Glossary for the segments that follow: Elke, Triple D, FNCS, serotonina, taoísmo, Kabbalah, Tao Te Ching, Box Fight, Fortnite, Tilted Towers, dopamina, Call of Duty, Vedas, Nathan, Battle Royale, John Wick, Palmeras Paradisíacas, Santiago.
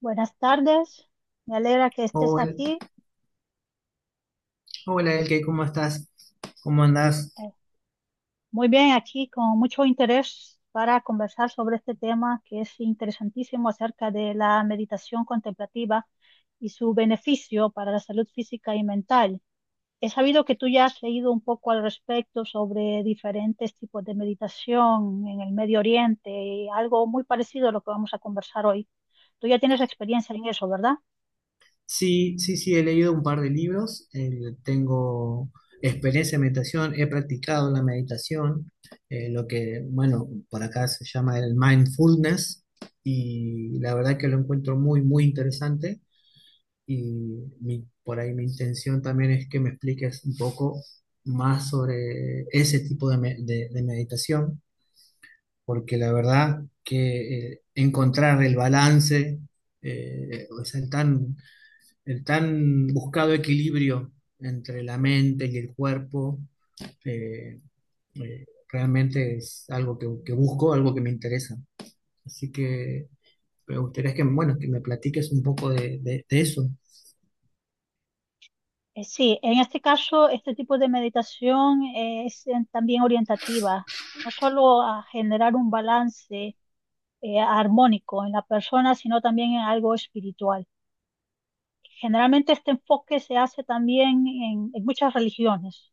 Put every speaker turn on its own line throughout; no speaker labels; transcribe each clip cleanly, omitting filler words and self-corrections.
Buenas tardes, me alegra que estés
Hola,
aquí.
hola Elke, ¿cómo estás? ¿Cómo andás?
eh, Muy bien, aquí con mucho interés para conversar sobre este tema que es interesantísimo acerca de la meditación contemplativa y su beneficio para la salud física y mental. He sabido que tú ya has leído un poco al respecto sobre diferentes tipos de meditación en el Medio Oriente, y algo muy parecido a lo que vamos a conversar hoy. Tú ya tienes experiencia en eso, ¿verdad?
Sí, sí, sí, he leído un par de libros, tengo experiencia en meditación, he practicado la meditación, bueno, por acá se llama el mindfulness, y la verdad que lo encuentro muy, muy interesante, y por ahí mi intención también es que me expliques un poco más sobre ese tipo de, me- de meditación porque la verdad que encontrar el balance, o sea, el tan buscado equilibrio entre la mente y el cuerpo, eh, realmente es algo que busco, algo que me interesa. Así que me gustaría que, bueno, que me platiques un poco de eso.
Sí, en este caso, este tipo de meditación es también orientativa, no solo a generar un balance armónico en la persona, sino también en algo espiritual. Generalmente este enfoque se hace también en muchas religiones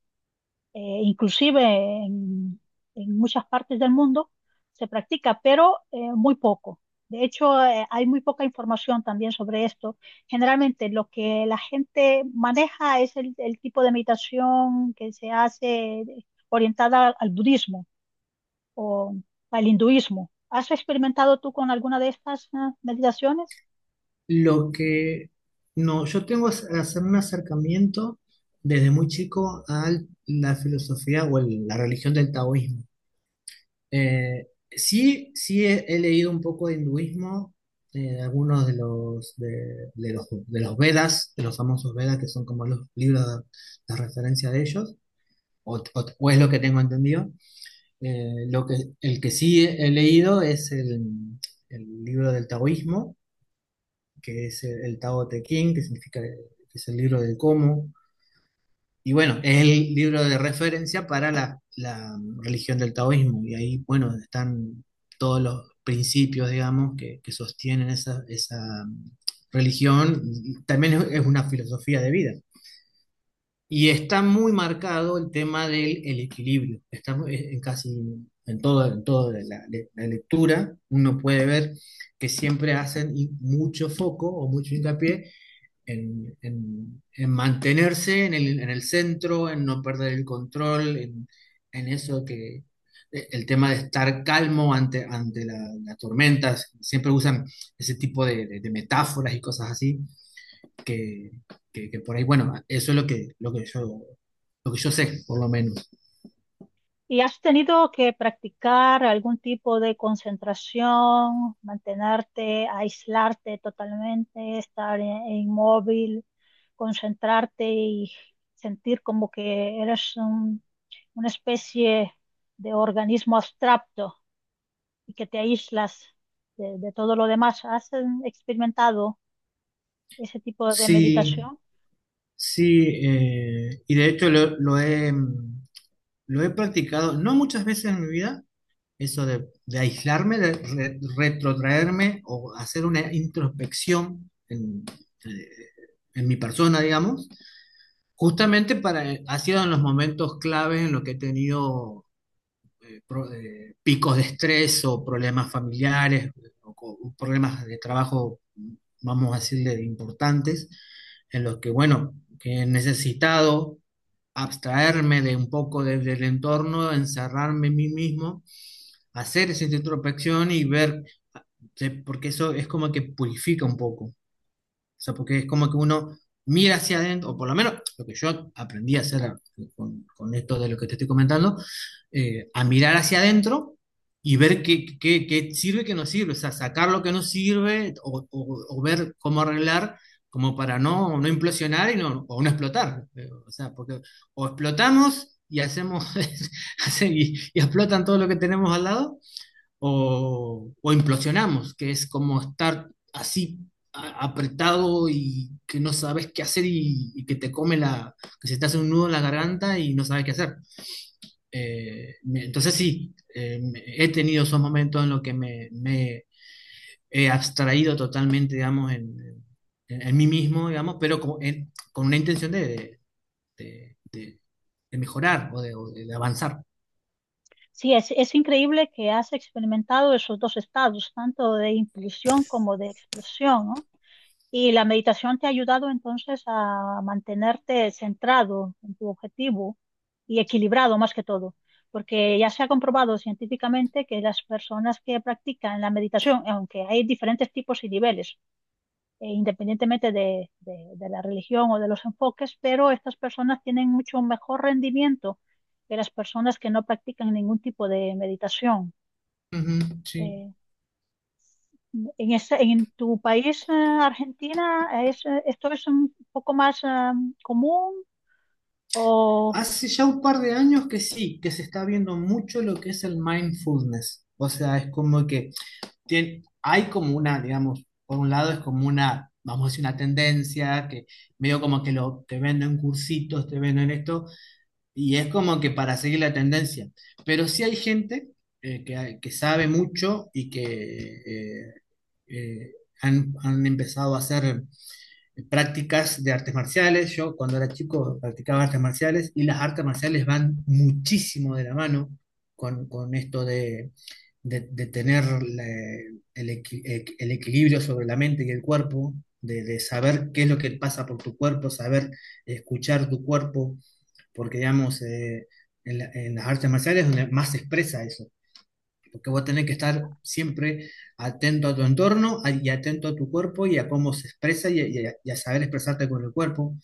inclusive en, en muchas partes del mundo se practica, pero muy poco. De hecho, hay muy poca información también sobre esto. Generalmente lo que la gente maneja es el tipo de meditación que se hace orientada al budismo o al hinduismo. ¿Has experimentado tú con alguna de estas meditaciones?
Lo que no, yo tengo es hacer un acercamiento desde muy chico a la filosofía o la religión del taoísmo. Sí, sí he leído un poco de hinduismo, algunos de los Vedas, de los famosos Vedas, que son como los libros de referencia de ellos, o es lo que tengo entendido. Eh, lo que, el que sí he leído es el libro del taoísmo, que es el Tao Te Ching, que significa que es el libro del cómo, y bueno, es el libro de referencia para la religión del taoísmo. Y ahí, bueno, están todos los principios, digamos, que sostienen esa religión. Y también es una filosofía de vida. Y está muy marcado el tema del el equilibrio. Está en casi en todo, en toda lectura, uno puede ver que siempre hacen mucho foco o mucho hincapié en mantenerse en el centro, en no perder el control, en eso que el tema de estar calmo ante, las tormentas, siempre usan ese tipo de metáforas y cosas así, que, que por ahí, bueno, eso es lo que yo sé, por lo menos.
¿Y has tenido que practicar algún tipo de concentración, mantenerte, aislarte totalmente, estar inmóvil, concentrarte y sentir como que una especie de organismo abstracto y que te aíslas de todo lo demás? ¿Has experimentado ese tipo de
Sí,
meditación?
sí, y de hecho lo he practicado, no muchas veces en mi vida. Eso de aislarme, de retrotraerme o hacer una introspección eh, en mi persona, digamos, justamente para, ha sido en los momentos claves en los que he tenido picos de estrés o problemas familiares o problemas de trabajo, vamos a decirle, importantes, en los que, bueno, que he necesitado abstraerme de un poco del entorno, encerrarme en mí mismo hacer esa introspección y ver, porque eso es como que purifica un poco, o sea, porque es como que uno mira hacia adentro, o por lo menos lo que yo aprendí a hacer con esto de lo que te estoy comentando, a mirar hacia adentro y ver qué sirve y qué no sirve, o sea, sacar lo que no sirve o ver cómo arreglar. Como para no implosionar y no, o no explotar. O sea, porque o explotamos y hacemos y explotan todo lo que tenemos al lado, o implosionamos, que es como estar así apretado y que no sabes qué hacer y que te come que se te hace un nudo en la garganta y no sabes qué hacer. Entonces sí, he tenido esos momentos en los que me he abstraído totalmente, digamos, en mí mismo, digamos, pero con una intención de- de- de mejorar o de avanzar.
Sí, es increíble que has experimentado esos dos estados, tanto de inclusión como de explosión, ¿no? Y la meditación te ha ayudado entonces a mantenerte centrado en tu objetivo y equilibrado más que todo, porque ya se ha comprobado científicamente que las personas que practican la meditación, aunque hay diferentes tipos y niveles, independientemente de, de la religión o de los enfoques, pero estas personas tienen mucho mejor rendimiento que las personas que no practican ningún tipo de meditación.
Ujú, sí.
Eh, en ese, en tu país, Argentina, es, esto es un poco más común o
Hace ya un par de años que sí, que se está viendo mucho lo que es el mindfulness. O sea, es como que hay como una, digamos, por un lado es como una, vamos a decir, una tendencia que medio como que te venden cursitos, te venden esto, y es como que para seguir la tendencia. Pero sí hay gente que sabe mucho y que eh, eh, han empezado a hacer prácticas de artes marciales. Yo cuando era chico practicaba artes marciales y las artes marciales van muchísimo de la mano con esto de tener el, equi- el equilibrio sobre la mente y el cuerpo, de saber qué es lo que pasa por tu cuerpo, saber escuchar tu cuerpo, porque digamos, en las artes marciales es donde más se expresa eso porque vos tenés que estar siempre atento a tu entorno y atento a tu cuerpo y a cómo se expresa y a saber expresarte con el cuerpo.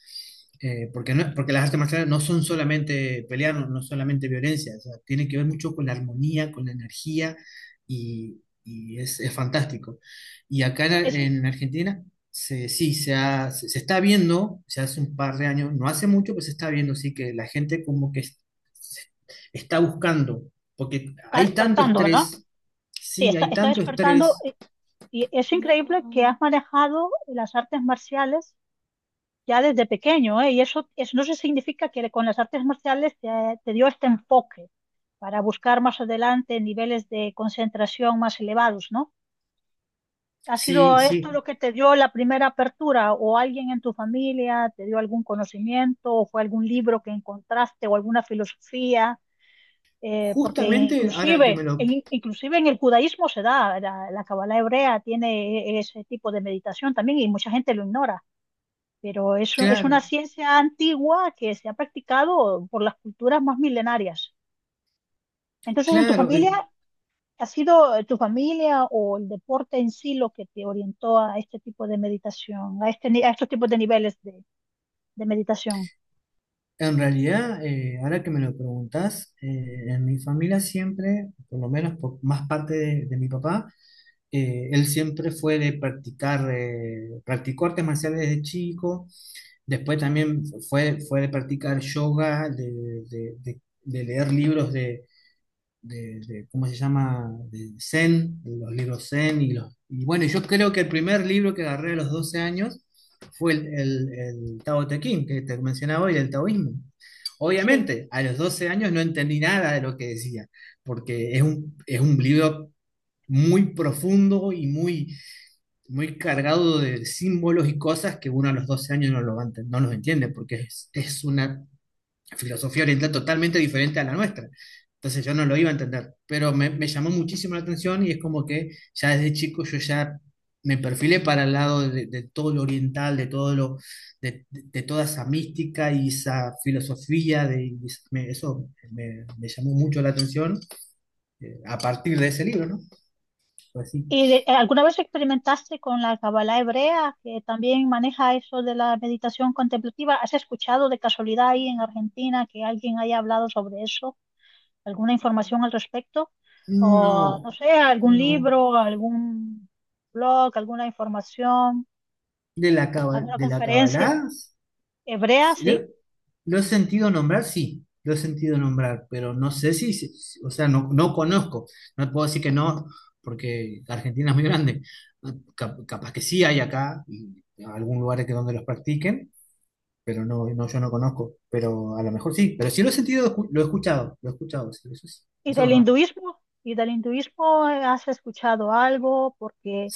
Porque, porque las artes marciales no son solamente pelear, no, no solamente violencia, o sea, tiene que ver mucho con la armonía, con la energía y es fantástico. Y acá en,
es-
en Argentina, sí, se está viendo, se hace un par de años, no hace mucho, pues se está viendo, sí, que la gente como que se- está buscando, porque
está
hay tanto
despertando, ¿no?
estrés,
Sí,
sí,
está,
hay
está
tanto
despertando
estrés,
y es increíble que has manejado las artes marciales ya desde pequeño, ¿eh? Y eso no se significa que con las artes marciales te dio este enfoque para buscar más adelante niveles de concentración más elevados, ¿no? ¿Ha
sí,
sido esto
sí.
lo que te dio la primera apertura? ¿O alguien en tu familia te dio algún conocimiento? ¿O fue algún libro que encontraste o alguna filosofía? Porque
Justamente ahora que me
inclusive,
lo...
inclusive en el judaísmo se da, la Kabbalah hebrea tiene ese tipo de meditación también y mucha gente lo ignora, pero es una
Claro,
ciencia antigua que se ha practicado por las culturas más milenarias. Entonces, en tu
claro.
familia ¿ha sido tu familia o el deporte en sí lo que te orientó a este tipo de meditación, a, este, a estos tipos de niveles de meditación?
En realidad, ahora que me lo preguntás, en mi familia siempre, por lo menos por más parte de mi papá, él siempre fue de practicar, practicó artes marciales desde chico, después también fue de practicar yoga, de leer libros de ¿cómo se llama? De Zen, de los libros Zen y los... Y bueno, yo creo que el primer libro que agarré a los 12 años fue el Tao Te Ching, que te mencionaba hoy, el taoísmo.
Sí.
Obviamente, a los 12 años no entendí nada de lo que decía, porque es un libro muy profundo y muy, muy cargado de símbolos y cosas que uno a los 12 años no, lo va a enten- no los entiende, porque es una filosofía oriental totalmente diferente a la nuestra. Entonces yo no lo iba a entender, pero me llamó muchísimo la atención y es como que ya desde chico yo ya me perfilé para el lado de todo lo oriental, de todo lo, de toda esa mística y esa filosofía, de, y es- me- eso me llamó mucho la atención a partir de ese libro, ¿no? Pues sí.
¿Y alguna vez experimentaste con la Kabbalah hebrea, que también maneja eso de la meditación contemplativa? ¿Has escuchado de casualidad ahí en Argentina que alguien haya hablado sobre eso? ¿Alguna información al respecto? O,
No,
no sé, algún
no.
libro, algún blog, alguna información, alguna
De la
conferencia
Kabbalah.
hebrea,
Sí, Lo,
sí.
lo he sentido nombrar, sí, lo he sentido nombrar, pero no sé o sea, no conozco, no puedo decir que no, porque Argentina es muy grande. Ah, capaz que sí hay acá, y algún lugar que donde los practiquen, pero no, no, yo no conozco, pero a lo mejor sí, pero sí lo he sentido, lo he escuchado, sí,
¿Y
eso es
del
verdad.
hinduismo? ¿Y del hinduismo has escuchado algo? Porque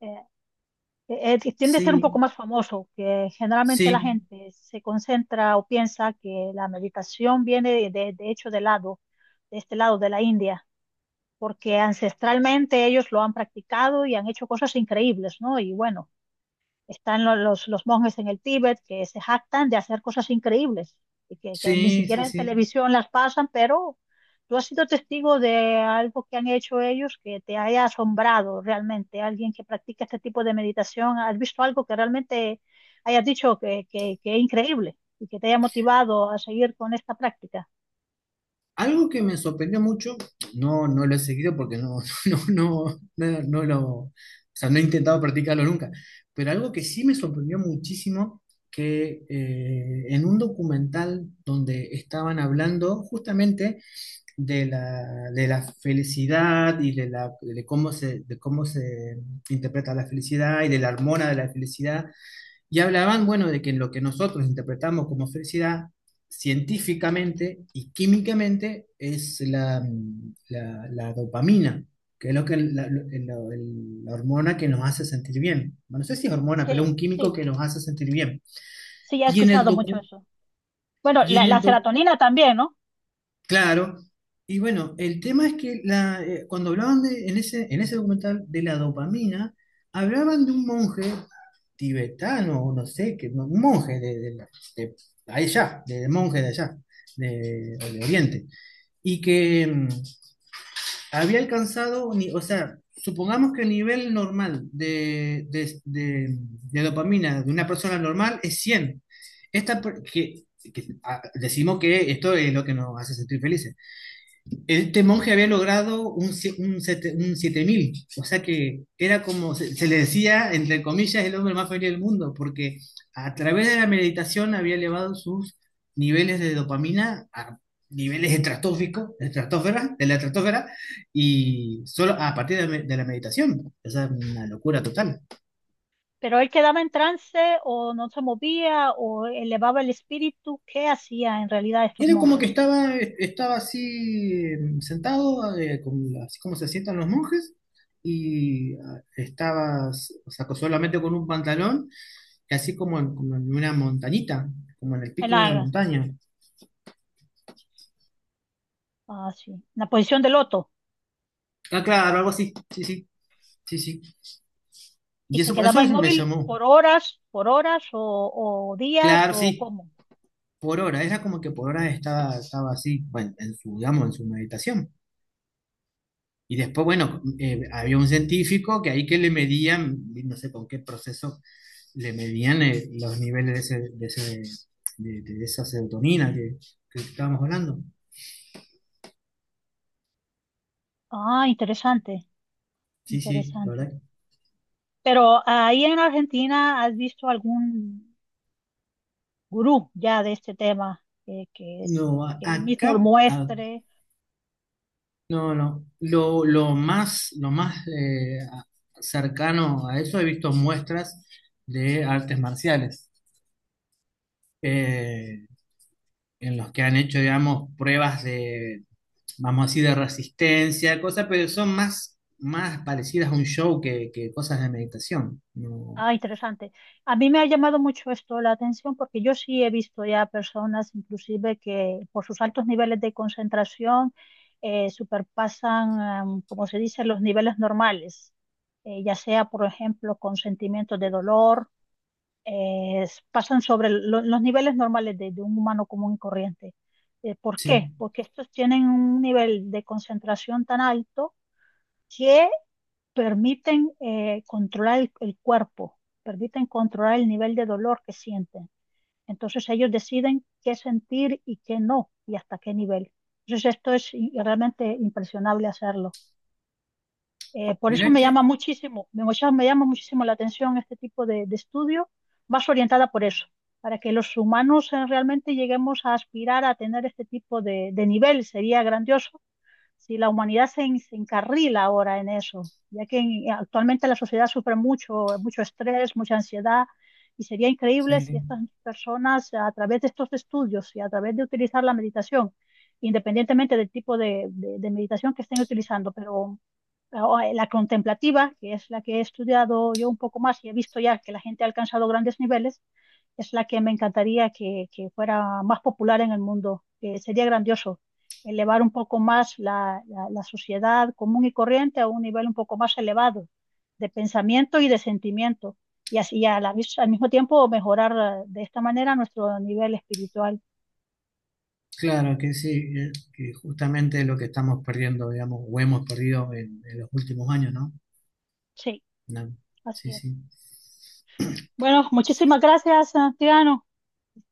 eh, tiende a ser un poco
Sí,
más famoso, que generalmente la
sí,
gente se concentra o piensa que la meditación viene de, de hecho del lado, de este lado de la India, porque ancestralmente ellos lo han practicado y han hecho cosas increíbles, ¿no? Y bueno. Están los monjes en el Tíbet que se jactan de hacer cosas increíbles y que ni
sí, sí,
siquiera en
sí. Sí.
televisión las pasan, pero tú has sido testigo de algo que han hecho ellos que te haya asombrado realmente. Alguien que practica este tipo de meditación, ¿has visto algo que realmente hayas dicho que es increíble y que te haya motivado a seguir con esta práctica?
Algo que me sorprendió mucho, no, no lo he seguido porque no, no, no, no, o sea, no he intentado practicarlo nunca, pero algo que sí me sorprendió muchísimo, que en un documental donde estaban hablando justamente de la, de la felicidad y de, la, de cómo se interpreta la felicidad y de la hormona de la felicidad, y hablaban, bueno, de que en lo que nosotros interpretamos como felicidad, científicamente y químicamente, es la dopamina, que es lo que la hormona que nos hace sentir bien. Bueno, no sé si es hormona, pero es
Sí,
un químico
sí,
que nos hace sentir bien.
sí, ya he
Y en el
escuchado mucho
docu,
eso. Bueno,
y en
la
el doc-
serotonina también, ¿no?
Claro. Y bueno, el tema es que cuando hablaban en ese documental de la dopamina, hablaban de un monje tibetano, o no sé, que, no, un monje de allá, o
Sí.
de Oriente, y que había alcanzado, o sea, supongamos que el nivel normal de dopamina de una persona normal es 100. Esta, per- que, ah, Decimos que esto es lo que nos hace sentir felices. Este monje había logrado un, sie- un, sete- un 7.000, o sea que era como se le decía, entre comillas, el hombre más feliz del mundo, porque a través de la meditación había elevado sus niveles de dopamina a niveles estratosféricos, estratosfera, de la estratosfera, y solo a partir de la meditación. O sea, una locura total.
Pero él quedaba en trance o no se movía o elevaba el espíritu. ¿Qué hacía en realidad
Y
estos
él como que
monjes?
estaba así sentado, así como se sientan los monjes, y estaba, o sea, solamente con un pantalón, y así como en una montañita, como en el
En
pico de una
la,
montaña.
ah, sí, en la posición de loto.
Ah, claro, algo así, sí, sí, sí, sí.
¿Y
Y
se
eso
quedaba
me
inmóvil
llamó,
por horas o días
claro,
o
sí,
cómo?
por hora, era como que por hora estaba así, bueno, en su, digamos, en su meditación. Y después, bueno, había un científico que ahí que le medían, no sé con qué proceso le medían los niveles de esa serotonina que estábamos hablando.
Ah, interesante,
Sí, sí, la
interesante.
verdad.
Pero ahí en Argentina, ¿has visto algún gurú ya de este tema que,
No,
es, que él
acá,
mismo muestre?
no, no. Lo más cercano a eso he visto muestras de artes marciales eh, en los que han hecho, digamos, pruebas de, vamos así, de resistencia, cosas, pero son más parecidas a un show que cosas de meditación. No,
Ah, interesante. A mí me ha llamado mucho esto la atención porque yo sí he visto ya personas, inclusive, que por sus altos niveles de concentración superpasan, como se dice, los niveles normales, ya sea, por ejemplo, con sentimientos de dolor, pasan sobre los niveles normales de un humano común y corriente. ¿Por
sí.
qué? Porque estos tienen un nivel de concentración tan alto permiten controlar el cuerpo, permiten controlar el nivel de dolor que sienten. Entonces ellos deciden qué sentir y qué no y hasta qué nivel. Entonces esto es realmente impresionable hacerlo. Por eso
Mirá
me llama
que
muchísimo, me llama muchísimo la atención este tipo de estudio, más orientada por eso, para que los humanos realmente lleguemos a aspirar a tener este tipo de nivel. Sería grandioso si la humanidad se, se encarrila ahora en eso, ya que actualmente la sociedad sufre mucho, mucho estrés, mucha ansiedad, y sería increíble si
sí,
estas personas a través de estos estudios y a través de utilizar la meditación, independientemente del tipo de, de meditación que estén utilizando, pero ah, la contemplativa, que es la que he estudiado yo un poco más y he visto ya que la gente ha alcanzado grandes niveles, es la que me encantaría que fuera más popular en el mundo. Que sería grandioso elevar un poco más la, la sociedad común y corriente a un nivel un poco más elevado de pensamiento y de sentimiento. Y así a al mismo tiempo mejorar de esta manera nuestro nivel espiritual.
claro que sí, que justamente es lo que estamos perdiendo, digamos, o hemos perdido en los últimos años, ¿no?
Sí,
No,
así
sí,
es.
sí.
Bueno, muchísimas gracias, Santiago.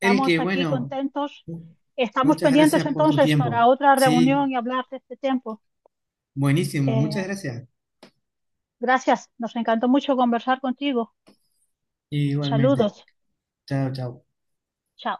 El que,
aquí
bueno,
contentos.
mu-
Estamos
Muchas
pendientes
gracias por tu
entonces para
tiempo.
otra reunión
Sí,
y hablar de este tiempo.
buenísimo, muchas
Eh,
gracias.
Gracias, nos encantó mucho conversar contigo.
Igualmente.
Saludos.
Chao, chao.
Chao.